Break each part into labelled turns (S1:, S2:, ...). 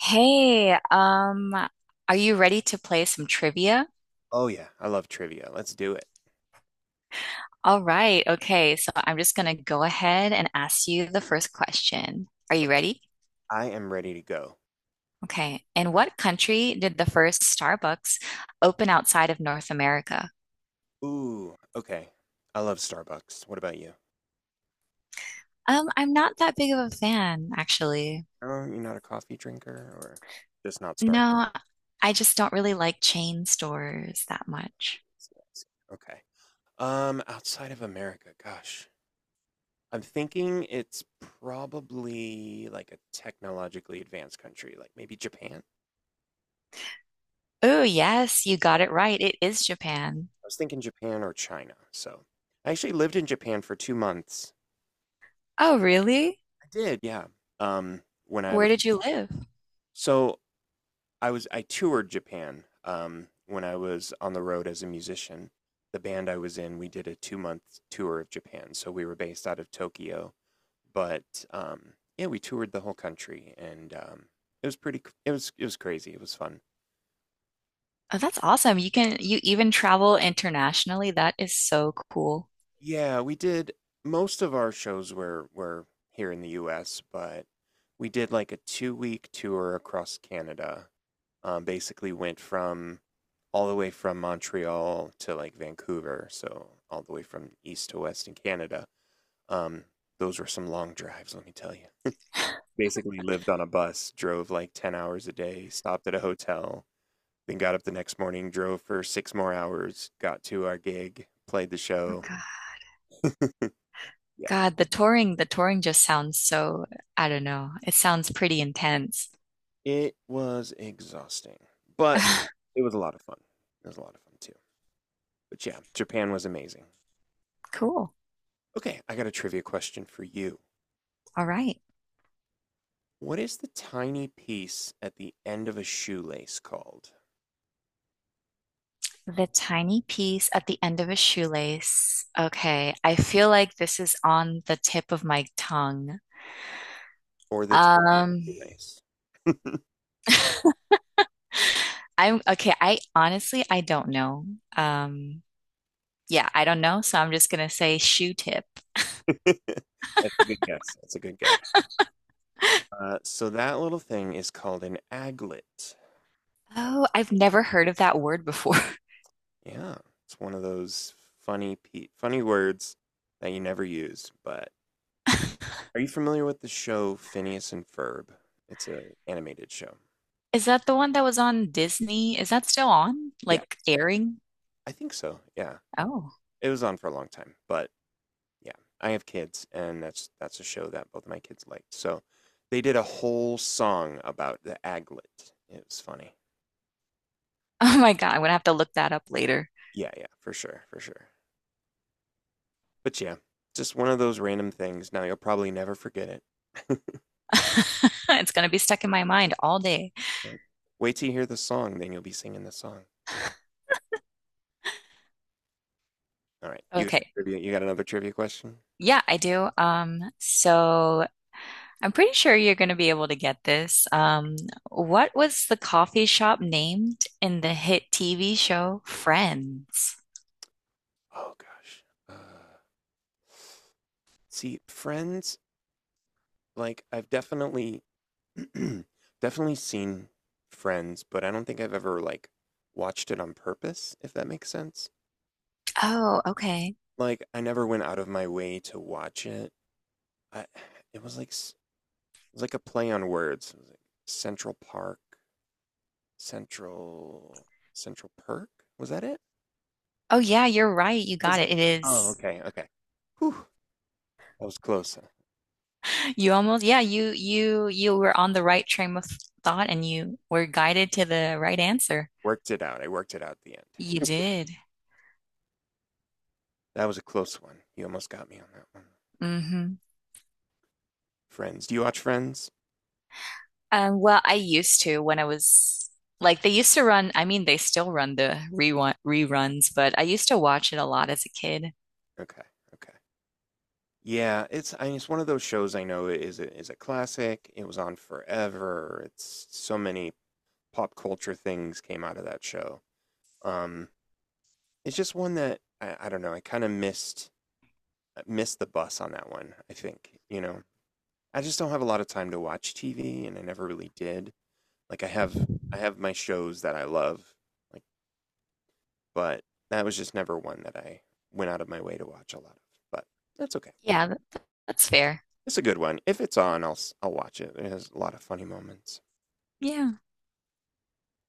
S1: Hey, are you ready to play some trivia?
S2: Oh yeah, I love trivia. Let's do it.
S1: All right, okay, so I'm just gonna go ahead and ask you the first question. Are you ready?
S2: I am ready to go.
S1: Okay, in what country did the first Starbucks open outside of North America?
S2: Ooh, okay. I love Starbucks. What about you?
S1: I'm not that big of a fan, actually.
S2: Oh, you're not a coffee drinker or just not Starbucks.
S1: No, I just don't really like chain stores that much.
S2: Yes. Okay. Outside of America, gosh. I'm thinking it's probably like a technologically advanced country, like maybe Japan. I
S1: Oh, yes, you got it right. It is Japan.
S2: was thinking Japan or China. So I actually lived in Japan for 2 months.
S1: Oh, really?
S2: I did, yeah. Um, when I was
S1: Where did you live?
S2: so I was I toured Japan when I was on the road as a musician. The band I was in, we did a 2 month tour of Japan, so we were based out of Tokyo. But yeah, we toured the whole country, and it was pretty. It was crazy. It was fun.
S1: Oh, that's awesome. You can you even travel internationally. That is so cool.
S2: Yeah, we did most of our shows were here in the US, but we did like a 2 week tour across Canada. Basically went from all the way from Montreal to like Vancouver, so all the way from east to west in Canada. Um, those were some long drives, let me tell you. Basically lived on a bus, drove like 10 hours a day, stopped at a hotel, then got up the next morning, drove for 6 more hours, got to our gig, played the
S1: Oh
S2: show.
S1: God. God, the touring just sounds so, I don't know. It sounds pretty intense.
S2: It was exhausting, but it was a lot of fun. It was a lot of fun too. But yeah, Japan was amazing.
S1: Cool.
S2: Okay, I got a trivia question for you.
S1: All right.
S2: What is the tiny piece at the end of a shoelace called?
S1: The tiny piece at the end of a shoelace. Okay, I feel like this is on the tip of my tongue.
S2: Or the
S1: Um,
S2: tiny lace? That's
S1: I'm okay, I honestly I don't know. Um, yeah, I don't know, so I'm just gonna say shoe tip.
S2: a good guess. That's a good guess. So that little thing is called an aglet.
S1: Oh, I've never heard of that word before.
S2: Yeah, it's one of those funny words that you never use, but are you familiar with the show Phineas and Ferb? It's an animated show.
S1: Is that the one that was on Disney? Is that still on?
S2: Yeah,
S1: Like airing?
S2: I think so. Yeah,
S1: Oh.
S2: it was on for a long time, but yeah, I have kids, and that's a show that both my kids liked. So they did a whole song about the aglet. It was funny.
S1: Oh my God, I'm gonna have to look that up later.
S2: Yeah, yeah, for sure, for sure. But yeah, just one of those random things. Now you'll probably never forget it.
S1: It's gonna be stuck in my mind all day.
S2: Wait till you hear the song, then you'll be singing the song. All right, you got a
S1: Okay.
S2: trivia- you got another trivia question?
S1: Yeah, I do. So I'm pretty sure you're gonna be able to get this. What was the coffee shop named in the hit TV show Friends?
S2: Oh gosh. See, Friends, like I've definitely definitely seen Friends, but I don't think I've ever like watched it on purpose, if that makes sense.
S1: Oh, okay.
S2: Like I never went out of my way to watch it. I it was like s- it was like a play on words. It was like Central Park, Central Central Perk? Was that it?
S1: Oh yeah, you're right. You
S2: That was
S1: got
S2: it?
S1: it. It
S2: Oh,
S1: is.
S2: okay, okay. Whew, that was close. I
S1: You almost, yeah, you were on the right train of thought and you were guided to the right answer.
S2: worked it out. I worked it out at the end.
S1: You did.
S2: That was a close one. You almost got me on that one.
S1: Hmm.
S2: Friends. Do you watch Friends?
S1: Well, I used to when I was like they used to run, I mean they still run the reruns, but I used to watch it a lot as a kid.
S2: Okay. Okay. Yeah, it's I mean, it's one of those shows I know is a classic. It was on forever. It's so many pop culture things came out of that show. Um, it's just one that I don't know. I kind of missed the bus on that one. I think I just don't have a lot of time to watch TV, and I never really did. Like I have my shows that I love, like but that was just never one that I went out of my way to watch a lot of. But that's okay.
S1: Yeah, th- that's fair.
S2: It's a good one. If it's on, I'll I'll watch it. It has a lot of funny moments.
S1: Yeah.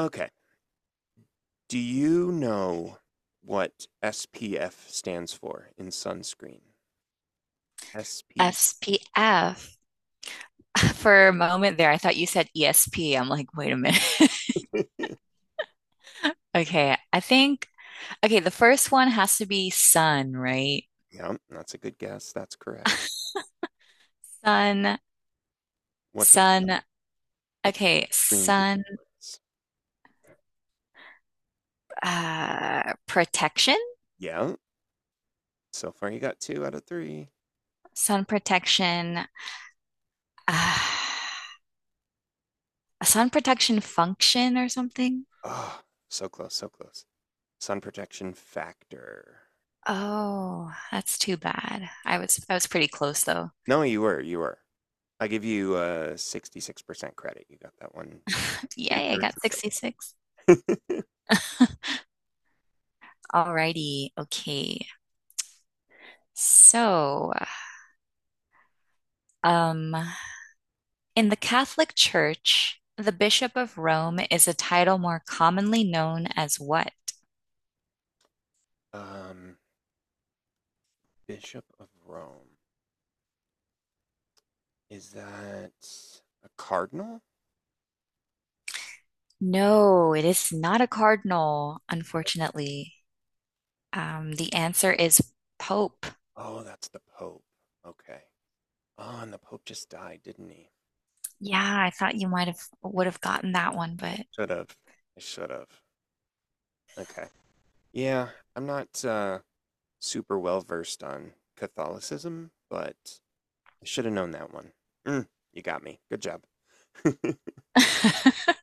S2: Okay. Do you know what SPF stands for in sunscreen? SPF.
S1: SPF. For a moment there, I thought you said ESP. I'm like, wait a minute. Okay, I think okay, the first one has to be sun, right?
S2: Yeah, that's a good guess. That's correct.
S1: Sun,
S2: What does
S1: sun.
S2: what does
S1: Okay,
S2: green do
S1: sun
S2: for us?
S1: protection,
S2: Yeah. So far, you got two out of three.
S1: sun protection, uh, a sun protection function or something.
S2: Oh, so close, so close. Sun protection factor.
S1: Oh, that's too bad. I was pretty close though.
S2: No, you were, you were. I give you 66% credit. You got that one, two
S1: Yay, I
S2: thirds
S1: got
S2: of the
S1: 66.
S2: way.
S1: Alrighty, okay. So, um, in the Catholic Church, the Bishop of Rome is a title more commonly known as what?
S2: Um, Bishop of Rome. Is that a cardinal?
S1: No, it is not a cardinal, unfortunately. The answer is Pope.
S2: Oh, that's the Pope. Okay. Oh, and the Pope just died, didn't he?
S1: Yeah, I thought you might have would have gotten that one,
S2: I
S1: but
S2: should have. I should have. Okay. Yeah, I'm not super well versed on Catholicism, but I should have known that one. Mm, you got me. Good job.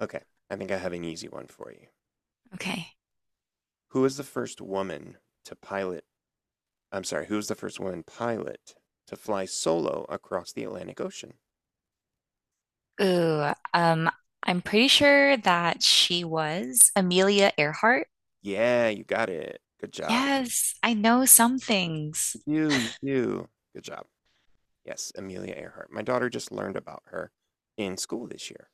S2: Okay. I think I have an easy one for you.
S1: okay.
S2: Who was the first woman to pilot? I'm sorry. Who was the first woman pilot to fly solo across the Atlantic Ocean?
S1: Ooh, I'm pretty sure that she was Amelia Earhart.
S2: Yeah, you got it. Good job.
S1: Yes, I know some things.
S2: You do, you do. Good job. Yes, Amelia Earhart. My daughter just learned about her in school this year.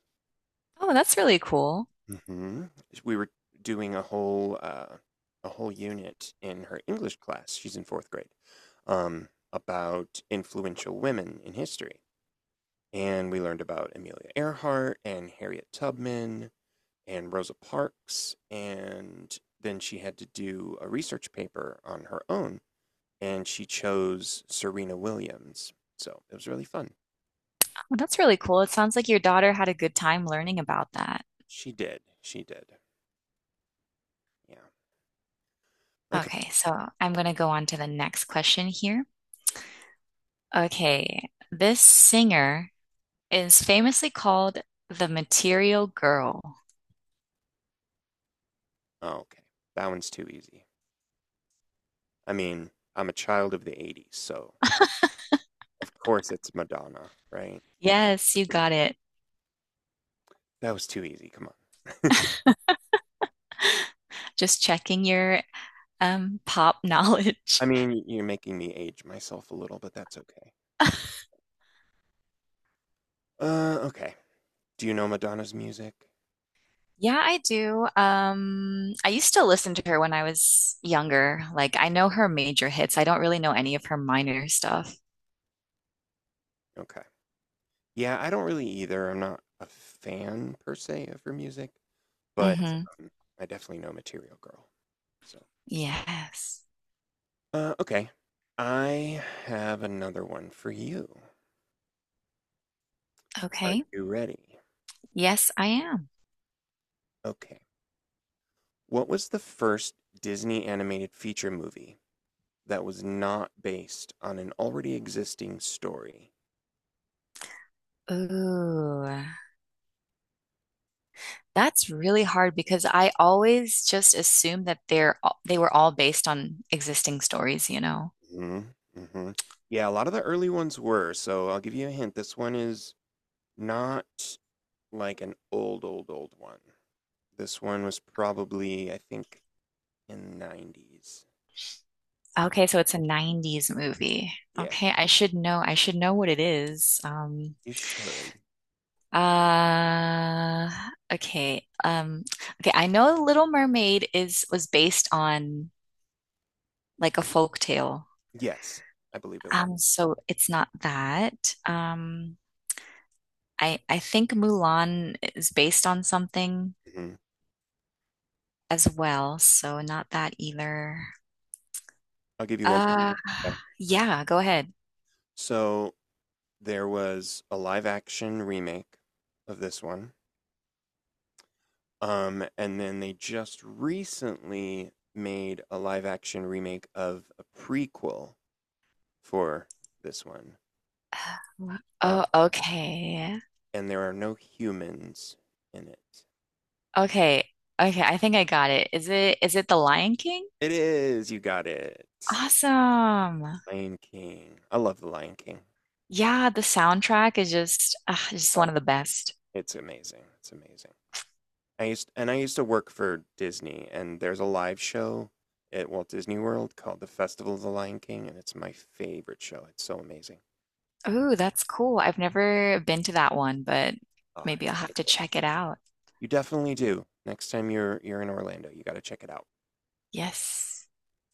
S1: Oh, that's really cool.
S2: Hmm. We were doing a whole unit in her English class. She's in fourth grade. About influential women in history, and we learned about Amelia Earhart and Harriet Tubman and Rosa Parks, and then she had to do a research paper on her own and she chose Serena Williams. So it was really fun.
S1: Oh, that's really cool. It sounds like your daughter had a good time learning about that.
S2: She did. She did. Yeah. Okay.
S1: Okay, so I'm going to go on to the next question here. Okay, this singer is famously called the Material Girl.
S2: Oh, okay. That one's too easy. I mean, I'm a child of the 80s, so of course it's Madonna, right?
S1: Yes, you got it.
S2: That was too easy. Come on.
S1: Just checking your pop knowledge.
S2: I mean, you're making me age myself a little, but that's okay. Okay. Do you know Madonna's music?
S1: Yeah, I do. I used to listen to her when I was younger. Like I know her major hits. I don't really know any of her minor stuff.
S2: Okay. Yeah, I don't really either. I'm not a fan per se of her music, but
S1: Mm-hmm.
S2: um, I definitely know Material Girl. So.
S1: Yes.
S2: Okay. I have another one for you. Are
S1: Okay.
S2: you ready?
S1: Yes, I am.
S2: Okay. What was the first Disney animated feature movie that was not based on an already existing story?
S1: Ooh. That's really hard because I always just assume that they're all- they were all based on existing stories, you know.
S2: Hmm. Hmm. Yeah, a lot of the early ones were, so I'll give you a hint. This one is not like an old, old, old one. This one was probably, I think, in the 90s. Okay.
S1: Okay, so it's a 90s movie.
S2: Yeah,
S1: Okay, I should know. I should know what it is.
S2: you should.
S1: Uh, okay. Okay, I know Little Mermaid is was based on like a folk tale.
S2: Yes, I believe it was.
S1: So it's not that. I think Mulan is based on something
S2: Mhm.
S1: as well, so not that either.
S2: I'll give you one.
S1: Uh,
S2: Okay.
S1: yeah, go ahead.
S2: So there was a live action remake of this one. And then they just recently made a live action remake of a prequel for this one. Uh,
S1: Oh, okay.
S2: and there are no humans in it.
S1: Okay. Okay, I think I got it. Is it The Lion King?
S2: It is, you got it.
S1: Awesome.
S2: Lion King. I love The Lion King.
S1: Yeah, the soundtrack is just one
S2: Oh,
S1: of the best.
S2: it's amazing. It's amazing. I used to work for Disney, and there's a live show at Walt Disney World called the Festival of the Lion King, and it's my favorite show. It's so amazing.
S1: Ooh, that's cool. I've never been to that one, but
S2: Ah,
S1: maybe I'll have to check it out.
S2: you definitely do. Next time you're in Orlando, you got to check it out.
S1: Yes.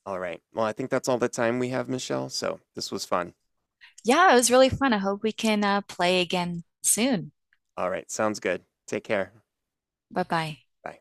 S2: All right. Well, I think that's all the time we have, Michelle. So this was fun.
S1: Yeah, it was really fun. I hope we can play again soon.
S2: All right. Sounds good. Take care.
S1: Bye-bye.
S2: Bye.